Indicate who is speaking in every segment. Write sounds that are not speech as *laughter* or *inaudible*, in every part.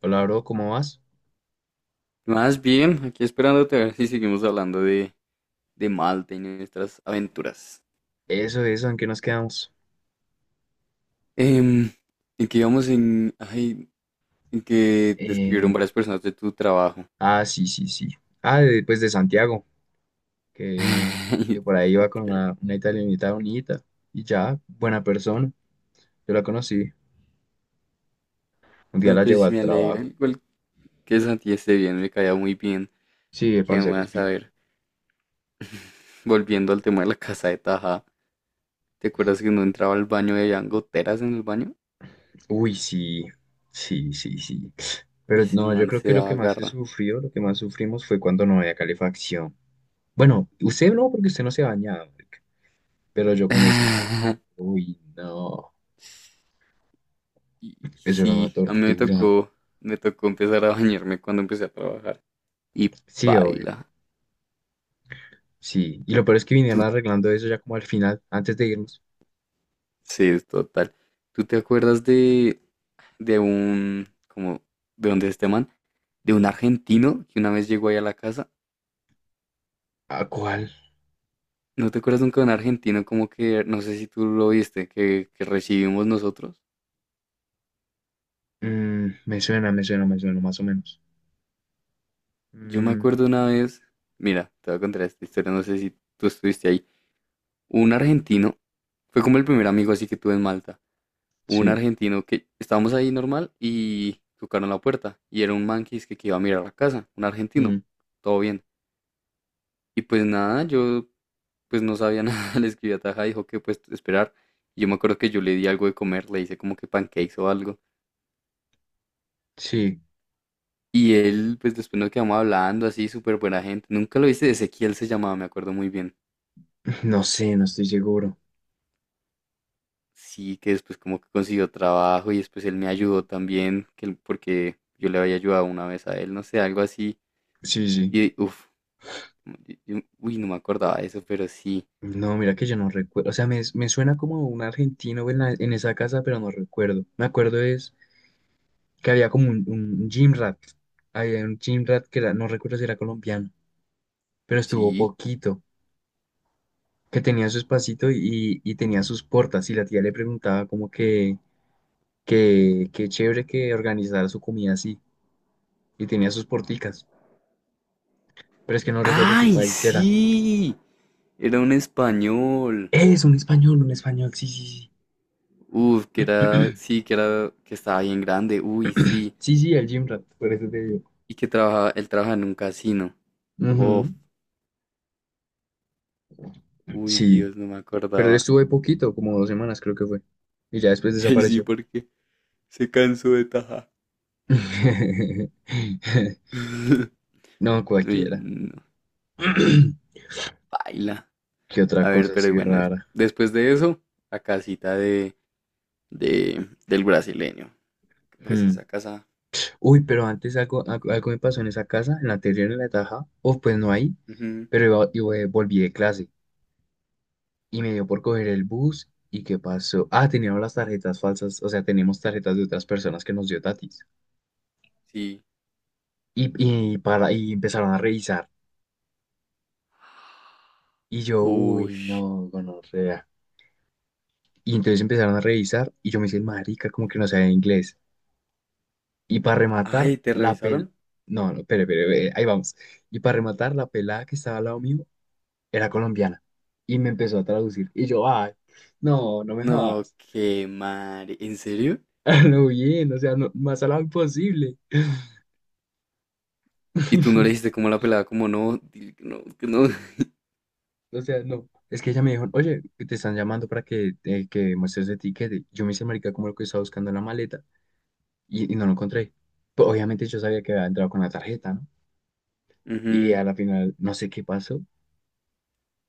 Speaker 1: Hola, bro, ¿cómo vas?
Speaker 2: Más bien, aquí esperándote a ver si seguimos hablando de Malta y nuestras aventuras.
Speaker 1: Eso, ¿en qué nos quedamos?
Speaker 2: Em, en que íbamos en que te escribieron
Speaker 1: Eh,
Speaker 2: varias personas de tu trabajo.
Speaker 1: sí, sí, sí. Ah, pues de Santiago,
Speaker 2: *laughs*
Speaker 1: que, que
Speaker 2: Ay,
Speaker 1: por
Speaker 2: de
Speaker 1: ahí iba con
Speaker 2: Santiago.
Speaker 1: una italianita bonita y ya, buena persona. Yo la conocí, un día
Speaker 2: No,
Speaker 1: la
Speaker 2: pues
Speaker 1: llevó
Speaker 2: sí
Speaker 1: al
Speaker 2: me alegra.
Speaker 1: trabajo.
Speaker 2: Igual que Santi esté bien, me caía muy bien.
Speaker 1: Sí,
Speaker 2: ¿Qué
Speaker 1: parcero, es
Speaker 2: más? A
Speaker 1: bien.
Speaker 2: ver, volviendo al tema de la casa de Taja. ¿Te acuerdas que no entraba al baño y había goteras en el baño?
Speaker 1: Uy, sí, sí, sí, sí.
Speaker 2: Y
Speaker 1: Pero
Speaker 2: ese
Speaker 1: no, yo
Speaker 2: man
Speaker 1: creo
Speaker 2: se
Speaker 1: que lo que
Speaker 2: daba
Speaker 1: más se
Speaker 2: garra.
Speaker 1: sufrió, lo que más sufrimos fue cuando no había calefacción. Bueno, usted no, porque usted no se bañaba, marica. Pero yo con ese fue,
Speaker 2: *laughs*
Speaker 1: uy, no,
Speaker 2: Y
Speaker 1: eso era una
Speaker 2: sí, a mí
Speaker 1: tortura.
Speaker 2: me tocó empezar a bañarme cuando empecé a trabajar. Y
Speaker 1: Sí, obvio.
Speaker 2: paila.
Speaker 1: Sí. Y lo peor es que vinieron
Speaker 2: Tú,
Speaker 1: arreglando eso ya como al final, antes de irnos.
Speaker 2: sí, es total. ¿Tú te acuerdas de un, como, de dónde es este man? De un argentino que una vez llegó ahí a la casa.
Speaker 1: ¿A cuál?
Speaker 2: ¿No te acuerdas nunca de un argentino como que, no sé si tú lo viste, que recibimos nosotros?
Speaker 1: Mm, me suena, me suena, me suena, más o menos.
Speaker 2: Yo me
Speaker 1: Mm,
Speaker 2: acuerdo una vez, mira, te voy a contar esta historia, no sé si tú estuviste ahí. Un argentino, fue como el primer amigo así que tuve en Malta. Un
Speaker 1: sí.
Speaker 2: argentino que estábamos ahí normal y tocaron la puerta y era un man que dizque que iba a mirar la casa, un argentino,
Speaker 1: Mm,
Speaker 2: todo bien. Y pues nada, yo pues no sabía *laughs* nada, le escribí a Taja, dijo que pues esperar. Y yo me acuerdo que yo le di algo de comer, le hice como que pancakes o algo.
Speaker 1: sí.
Speaker 2: Y él pues después nos quedamos hablando así, súper buena gente. Nunca lo viste, Ezequiel se llamaba, me acuerdo muy bien.
Speaker 1: *laughs* No sé, no estoy seguro.
Speaker 2: Sí, que después como que consiguió trabajo y después él me ayudó también, porque yo le había ayudado una vez a él, no sé, algo así.
Speaker 1: Sí, sí.
Speaker 2: Y uff, uy, no me acordaba de eso, pero sí,
Speaker 1: No, mira que yo no recuerdo. O sea, me suena como un argentino en, en esa casa, pero no recuerdo. Me acuerdo es que había como un gym rat. Había un gym rat que no recuerdo si era colombiano, pero estuvo
Speaker 2: sí.
Speaker 1: poquito. Que tenía su espacito y tenía sus portas. Y la tía le preguntaba como que. Que qué chévere que organizara su comida así. Y tenía sus porticas. Pero es que no recuerdo qué
Speaker 2: ¡Ay,
Speaker 1: país era.
Speaker 2: sí! Era un español.
Speaker 1: Es un español, sí, sí, sí.
Speaker 2: Uf,
Speaker 1: *clears throat*
Speaker 2: que era, que estaba bien grande. Uy, sí.
Speaker 1: Sí, sí, el Gym Rat, por eso te digo.
Speaker 2: Y que trabajaba, él trabaja en un casino.
Speaker 1: Ujú.
Speaker 2: Bof. Uy,
Speaker 1: Sí,
Speaker 2: Dios, no me
Speaker 1: pero él
Speaker 2: acordaba.
Speaker 1: estuvo ahí poquito, como 2 semanas creo que fue. Y ya después
Speaker 2: *laughs* Ay, sí,
Speaker 1: desapareció.
Speaker 2: porque se cansó de taja.
Speaker 1: *laughs*
Speaker 2: *laughs*
Speaker 1: No,
Speaker 2: Uy,
Speaker 1: cualquiera.
Speaker 2: no.
Speaker 1: *clears throat*
Speaker 2: Baila.
Speaker 1: ¿Qué
Speaker 2: A
Speaker 1: otra
Speaker 2: ver,
Speaker 1: cosa
Speaker 2: pero
Speaker 1: así
Speaker 2: bueno,
Speaker 1: rara?
Speaker 2: después de eso, la casita del brasileño. Pues
Speaker 1: Hmm.
Speaker 2: esa casa.
Speaker 1: Uy, pero antes algo me pasó en esa casa, en la anterior, en la de Taja. O pues no ahí,
Speaker 2: Ujú,
Speaker 1: pero volví de clase. Y me dio por coger el bus. ¿Y qué pasó? Ah, teníamos las tarjetas falsas, o sea, teníamos tarjetas de otras personas que nos dio Tatis.
Speaker 2: sí.
Speaker 1: Y, para, y empezaron a revisar. Y yo, uy,
Speaker 2: Ush.
Speaker 1: no, gonorrea. Y entonces empezaron a revisar y yo me hice el marica, como que no sabía inglés. Y para rematar,
Speaker 2: Ay, ¿te
Speaker 1: la
Speaker 2: revisaron?
Speaker 1: No, no, espere, ahí vamos. Y para rematar, la pelada que estaba al lado mío era colombiana. Y me empezó a traducir. Y yo, ay, no, no me
Speaker 2: No,
Speaker 1: jodas.
Speaker 2: qué madre. ¿En serio?
Speaker 1: *laughs* Lo bien, o sea, no, más al lado imposible.
Speaker 2: ¿Y tú no le
Speaker 1: *laughs*
Speaker 2: dijiste cómo la pelada? Como no, dile que no, que no. *laughs*
Speaker 1: O sea, no. Es que ella me dijo, oye, te están llamando para que muestres el tiquete. Yo me hice marica como lo que estaba buscando en la maleta y no lo encontré. Pues, obviamente yo sabía que había entrado con la tarjeta, ¿no? Y
Speaker 2: Ujú.
Speaker 1: a la final no sé qué pasó.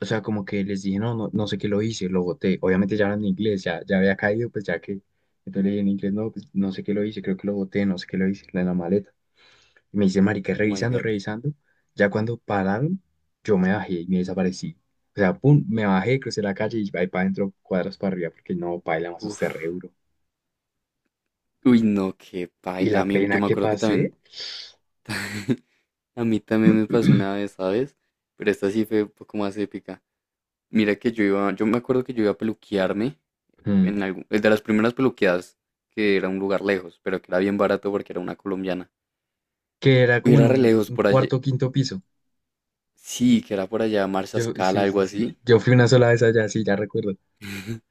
Speaker 1: O sea, como que les dije, no sé qué lo hice, lo boté. Obviamente ya hablan en inglés, ya había caído, pues ya que... Entonces le dije en inglés, no, pues, no sé qué lo hice, creo que lo boté, no sé qué lo hice, en la maleta. Y me dice, marica,
Speaker 2: Oh my
Speaker 1: revisando,
Speaker 2: God.
Speaker 1: revisando. Ya cuando pararon, yo me bajé y me desaparecí. O sea, pum, me bajé, crucé la calle y ahí para adentro, cuadras para arriba, porque no, paila más su
Speaker 2: Uf.
Speaker 1: cerebro.
Speaker 2: Uy, no, qué
Speaker 1: Y
Speaker 2: paila. A
Speaker 1: la
Speaker 2: mí, yo
Speaker 1: pena
Speaker 2: me
Speaker 1: que
Speaker 2: acuerdo que
Speaker 1: pasé,
Speaker 2: también, *laughs* a mí también me pasó una vez,
Speaker 1: *clears throat*
Speaker 2: ¿sabes? Pero esta sí fue un poco más épica. Mira que yo iba, yo me acuerdo que yo iba a peluquearme
Speaker 1: mm,
Speaker 2: en algún, es de las primeras peluqueadas que era un lugar lejos, pero que era bien barato porque era una colombiana.
Speaker 1: que era
Speaker 2: Y
Speaker 1: como en
Speaker 2: era re lejos
Speaker 1: un
Speaker 2: por allí.
Speaker 1: cuarto o quinto piso.
Speaker 2: Sí, que era por allá Marsa
Speaker 1: Yo,
Speaker 2: Scala,
Speaker 1: sí,
Speaker 2: algo
Speaker 1: sí, sí.
Speaker 2: así.
Speaker 1: Yo fui una sola vez allá, sí, ya recuerdo.
Speaker 2: *laughs*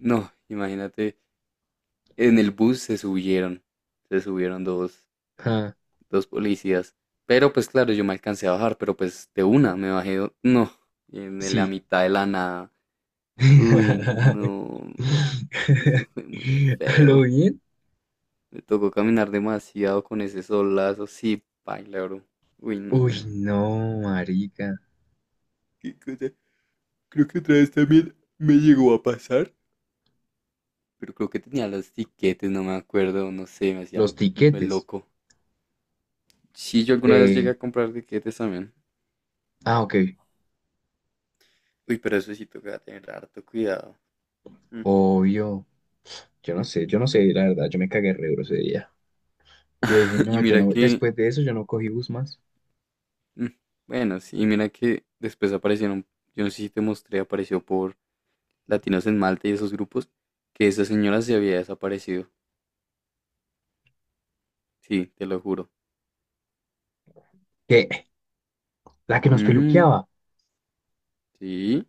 Speaker 2: No, imagínate, en el bus se subieron
Speaker 1: Ah,
Speaker 2: dos policías. Pero pues claro, yo me alcancé a bajar, pero pues de una me bajé, no, en la
Speaker 1: sí.
Speaker 2: mitad de la nada. Uy,
Speaker 1: *laughs*
Speaker 2: no, fue muy
Speaker 1: ¿A lo
Speaker 2: feo.
Speaker 1: bien?
Speaker 2: Me tocó caminar demasiado con ese solazo, sí, paila, bro. Uy, no.
Speaker 1: Uy, no, marica.
Speaker 2: ¿Qué cosa? Creo que otra vez también me llegó a pasar, pero creo que tenía los tiquetes, no me acuerdo, no sé,
Speaker 1: Los
Speaker 2: el
Speaker 1: tiquetes
Speaker 2: loco. Sí, yo alguna vez llegué
Speaker 1: de...
Speaker 2: a comprar tiquetes también.
Speaker 1: Ah, ok.
Speaker 2: Uy, pero eso sí toca tener harto cuidado. Mm.
Speaker 1: Obvio, yo no sé, la verdad, yo me cagué re duro ese día. Yo dije,
Speaker 2: *laughs* Y
Speaker 1: no, yo
Speaker 2: mira
Speaker 1: no,
Speaker 2: que,
Speaker 1: después de eso yo no cogí bus más.
Speaker 2: mm, bueno, sí, y mira que después aparecieron, yo no sé si te mostré, apareció por Latinos en Malta y esos grupos, que esa señora se había desaparecido. Sí, te lo juro.
Speaker 1: ¿Qué? La que nos
Speaker 2: Mm,
Speaker 1: peluqueaba.
Speaker 2: sí,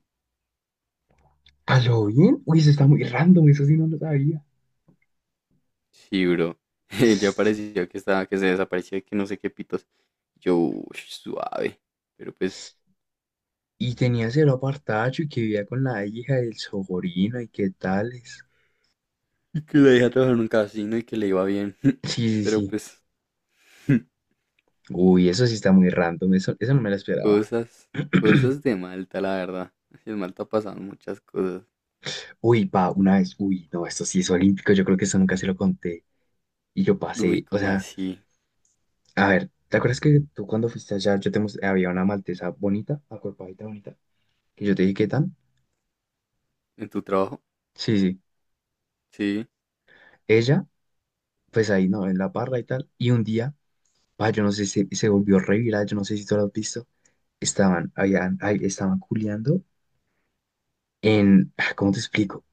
Speaker 1: ¿Bien? Uy, eso está muy random, eso sí no lo sabía.
Speaker 2: sí, bro. *laughs* Ella apareció que estaba, que se desapareció, que no sé qué pitos. Yo, uy, suave. Pero pues,
Speaker 1: Y tenía cero apartacho y que vivía con la hija del Sogorino y qué tales.
Speaker 2: y que la dejé trabajar en un casino y que le iba bien. *laughs*
Speaker 1: Sí, sí,
Speaker 2: Pero
Speaker 1: sí.
Speaker 2: pues, *laughs*
Speaker 1: Uy, eso sí está muy random, eso no me lo esperaba.
Speaker 2: cosas, cosas de Malta, la verdad. En Malta pasaron muchas cosas.
Speaker 1: Uy, pa, una vez, uy, no, esto sí es olímpico, yo creo que eso nunca se lo conté. Y yo
Speaker 2: Uy,
Speaker 1: pasé, o
Speaker 2: ¿cómo
Speaker 1: sea,
Speaker 2: así?
Speaker 1: a ver, ¿te acuerdas que tú cuando fuiste allá, yo te mostré, había una maltesa bonita, acuerpadita bonita, que yo te dije qué tan?
Speaker 2: ¿En tu trabajo?
Speaker 1: Sí, sí.
Speaker 2: Sí.
Speaker 1: Ella, pues ahí, ¿no? En la parra y tal. Y un día, pa, yo no sé si se volvió re viral, yo no sé si tú lo has visto. Estaban, habían, ahí estaban culeando en, ah, ¿cómo te explico?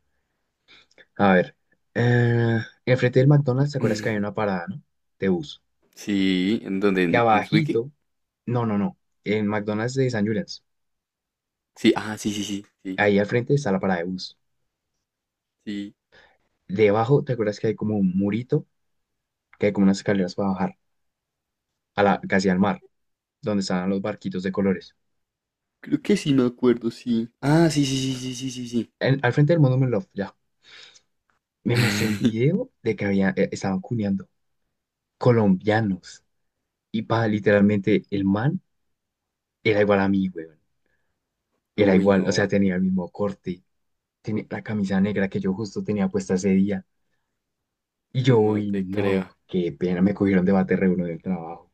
Speaker 1: A ver, eh, enfrente del McDonald's, ¿te acuerdas que había una
Speaker 2: *laughs*
Speaker 1: parada, ¿no? De bus.
Speaker 2: Sí, ¿en dónde?
Speaker 1: Y
Speaker 2: ¿En Swiki?
Speaker 1: abajito, no, no, no, en McDonald's de San Julián,
Speaker 2: Sí, ah, sí, sí, sí, sí,
Speaker 1: ahí al frente está la parada de bus.
Speaker 2: sí.
Speaker 1: Debajo, ¿te acuerdas que hay como un murito? Que hay como unas escaleras para bajar a la, casi al mar, donde estaban los barquitos de colores.
Speaker 2: Creo que sí me acuerdo, sí. Ah, sí, sí, sí, sí, sí, sí, sí.
Speaker 1: Al frente del Monument Love, ya. Me mostró un
Speaker 2: *laughs*
Speaker 1: video de que había, estaban cuneando colombianos. Y pa, literalmente, el man era igual a mí, weón. Era
Speaker 2: Uy,
Speaker 1: igual, o sea,
Speaker 2: no,
Speaker 1: tenía el mismo corte, tenía la camisa negra que yo justo tenía puesta ese día. Y yo,
Speaker 2: no
Speaker 1: uy,
Speaker 2: te creo.
Speaker 1: no, qué pena, me cogieron de bate re uno del trabajo.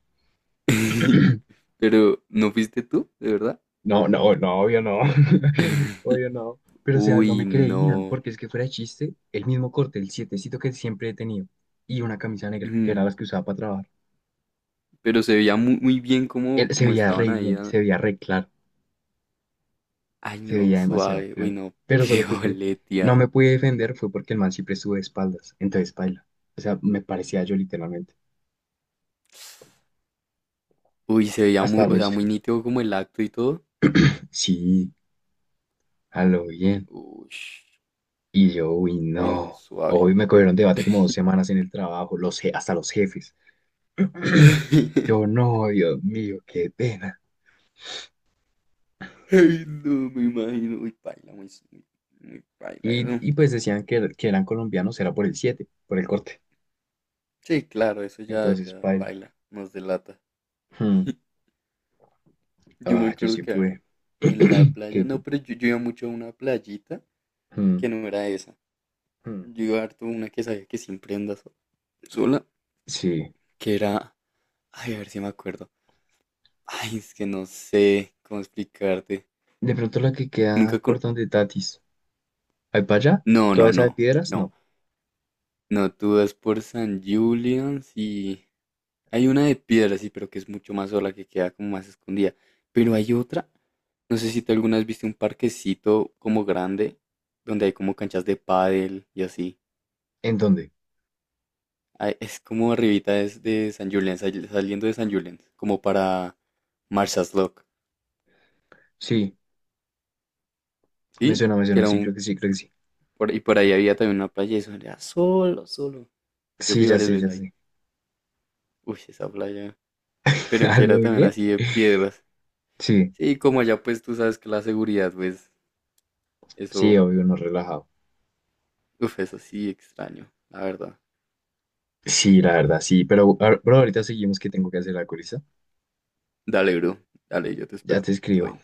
Speaker 2: *laughs*
Speaker 1: *clears throat*
Speaker 2: Pero, ¿no fuiste tú? ¿De verdad?
Speaker 1: No, no, no, obvio no, *laughs* obvio no.
Speaker 2: *laughs*
Speaker 1: Pero, o sea, no
Speaker 2: Uy,
Speaker 1: me creían,
Speaker 2: no.
Speaker 1: porque es que fuera de chiste, el mismo corte, el sietecito que siempre he tenido, y una camisa negra, que era las
Speaker 2: *laughs*
Speaker 1: que usaba para trabajar.
Speaker 2: Pero se veía muy, muy bien como
Speaker 1: Él se
Speaker 2: como
Speaker 1: veía re
Speaker 2: estaban ahí.
Speaker 1: bien,
Speaker 2: Ah.
Speaker 1: se veía re claro,
Speaker 2: Ay,
Speaker 1: se
Speaker 2: no,
Speaker 1: veía demasiado
Speaker 2: suave. Uy,
Speaker 1: claro.
Speaker 2: no, *laughs*
Speaker 1: Pero
Speaker 2: qué
Speaker 1: solo que es que no
Speaker 2: boletia.
Speaker 1: me pude defender fue porque el man siempre estuvo de espaldas, entonces baila. O sea, me parecía yo literalmente.
Speaker 2: Uy, se veía muy,
Speaker 1: Hasta
Speaker 2: o sea,
Speaker 1: los,
Speaker 2: muy nítido como el acto y todo.
Speaker 1: sí, a lo bien.
Speaker 2: Uy,
Speaker 1: Y yo, uy,
Speaker 2: uy, no,
Speaker 1: no.
Speaker 2: suave.
Speaker 1: Hoy me cogieron debate como dos
Speaker 2: *laughs*
Speaker 1: semanas en el trabajo, los, hasta los jefes. *clears throat* Yo no, Dios mío, qué pena.
Speaker 2: Ay, no, me imagino. Uy, paila, muy, muy, muy paila eso.
Speaker 1: Pues decían que, que eran colombianos, era por el 7 por el corte.
Speaker 2: Sí, claro, eso ya,
Speaker 1: Entonces,
Speaker 2: ya,
Speaker 1: paila.
Speaker 2: paila, nos delata.
Speaker 1: Hmm.
Speaker 2: Yo me
Speaker 1: Ah, yo
Speaker 2: acuerdo
Speaker 1: sí
Speaker 2: que, a ver,
Speaker 1: pude.
Speaker 2: en la
Speaker 1: *clears throat*
Speaker 2: playa,
Speaker 1: ¿Qué, qué?
Speaker 2: no, pero yo iba mucho a una playita
Speaker 1: Hmm,
Speaker 2: que no era esa.
Speaker 1: hmm.
Speaker 2: Yo iba harto a una que sabía que siempre anda sola,
Speaker 1: Sí.
Speaker 2: que era... Ay, a ver si me acuerdo. Ay, es que no sé cómo explicarte.
Speaker 1: De pronto la que queda
Speaker 2: Nunca con...
Speaker 1: por donde Tatis. ¿Ahí para allá?
Speaker 2: No,
Speaker 1: ¿Toda
Speaker 2: no,
Speaker 1: esa
Speaker 2: no,
Speaker 1: de piedras?
Speaker 2: no.
Speaker 1: No.
Speaker 2: No, tú vas por San Julian's y... Hay una de piedra, sí, pero que es mucho más sola, que queda como más escondida. Pero hay otra. No sé si tú alguna vez viste un parquecito como grande, donde hay como canchas de pádel y así.
Speaker 1: ¿En dónde?
Speaker 2: Ay, es como arribita es de San Julián, saliendo de San Julián, como para Marshal's Lock,
Speaker 1: Sí, me
Speaker 2: ¿sí?
Speaker 1: suena, me
Speaker 2: Que
Speaker 1: suena.
Speaker 2: era
Speaker 1: Sí, creo
Speaker 2: un...
Speaker 1: que sí, creo que sí.
Speaker 2: Por, y por ahí había también una playa y eso era solo, solo. Yo
Speaker 1: Sí,
Speaker 2: fui
Speaker 1: ya
Speaker 2: varias
Speaker 1: sé,
Speaker 2: veces
Speaker 1: ya
Speaker 2: ahí.
Speaker 1: sé.
Speaker 2: Uy, esa playa.
Speaker 1: *laughs*
Speaker 2: Pero
Speaker 1: ¿A
Speaker 2: que era
Speaker 1: lo
Speaker 2: también
Speaker 1: bien?
Speaker 2: así de piedras.
Speaker 1: Sí,
Speaker 2: Sí, como allá pues tú sabes que la seguridad, pues,
Speaker 1: sí,
Speaker 2: eso,
Speaker 1: obvio, no relajado.
Speaker 2: uf, eso sí extraño, la verdad.
Speaker 1: Sí, la verdad, sí. Pero, pero ahorita seguimos que tengo que hacer la colista.
Speaker 2: Dale, bro. Dale, yo te
Speaker 1: Ya
Speaker 2: espero.
Speaker 1: te
Speaker 2: Todo
Speaker 1: escribo.
Speaker 2: bien.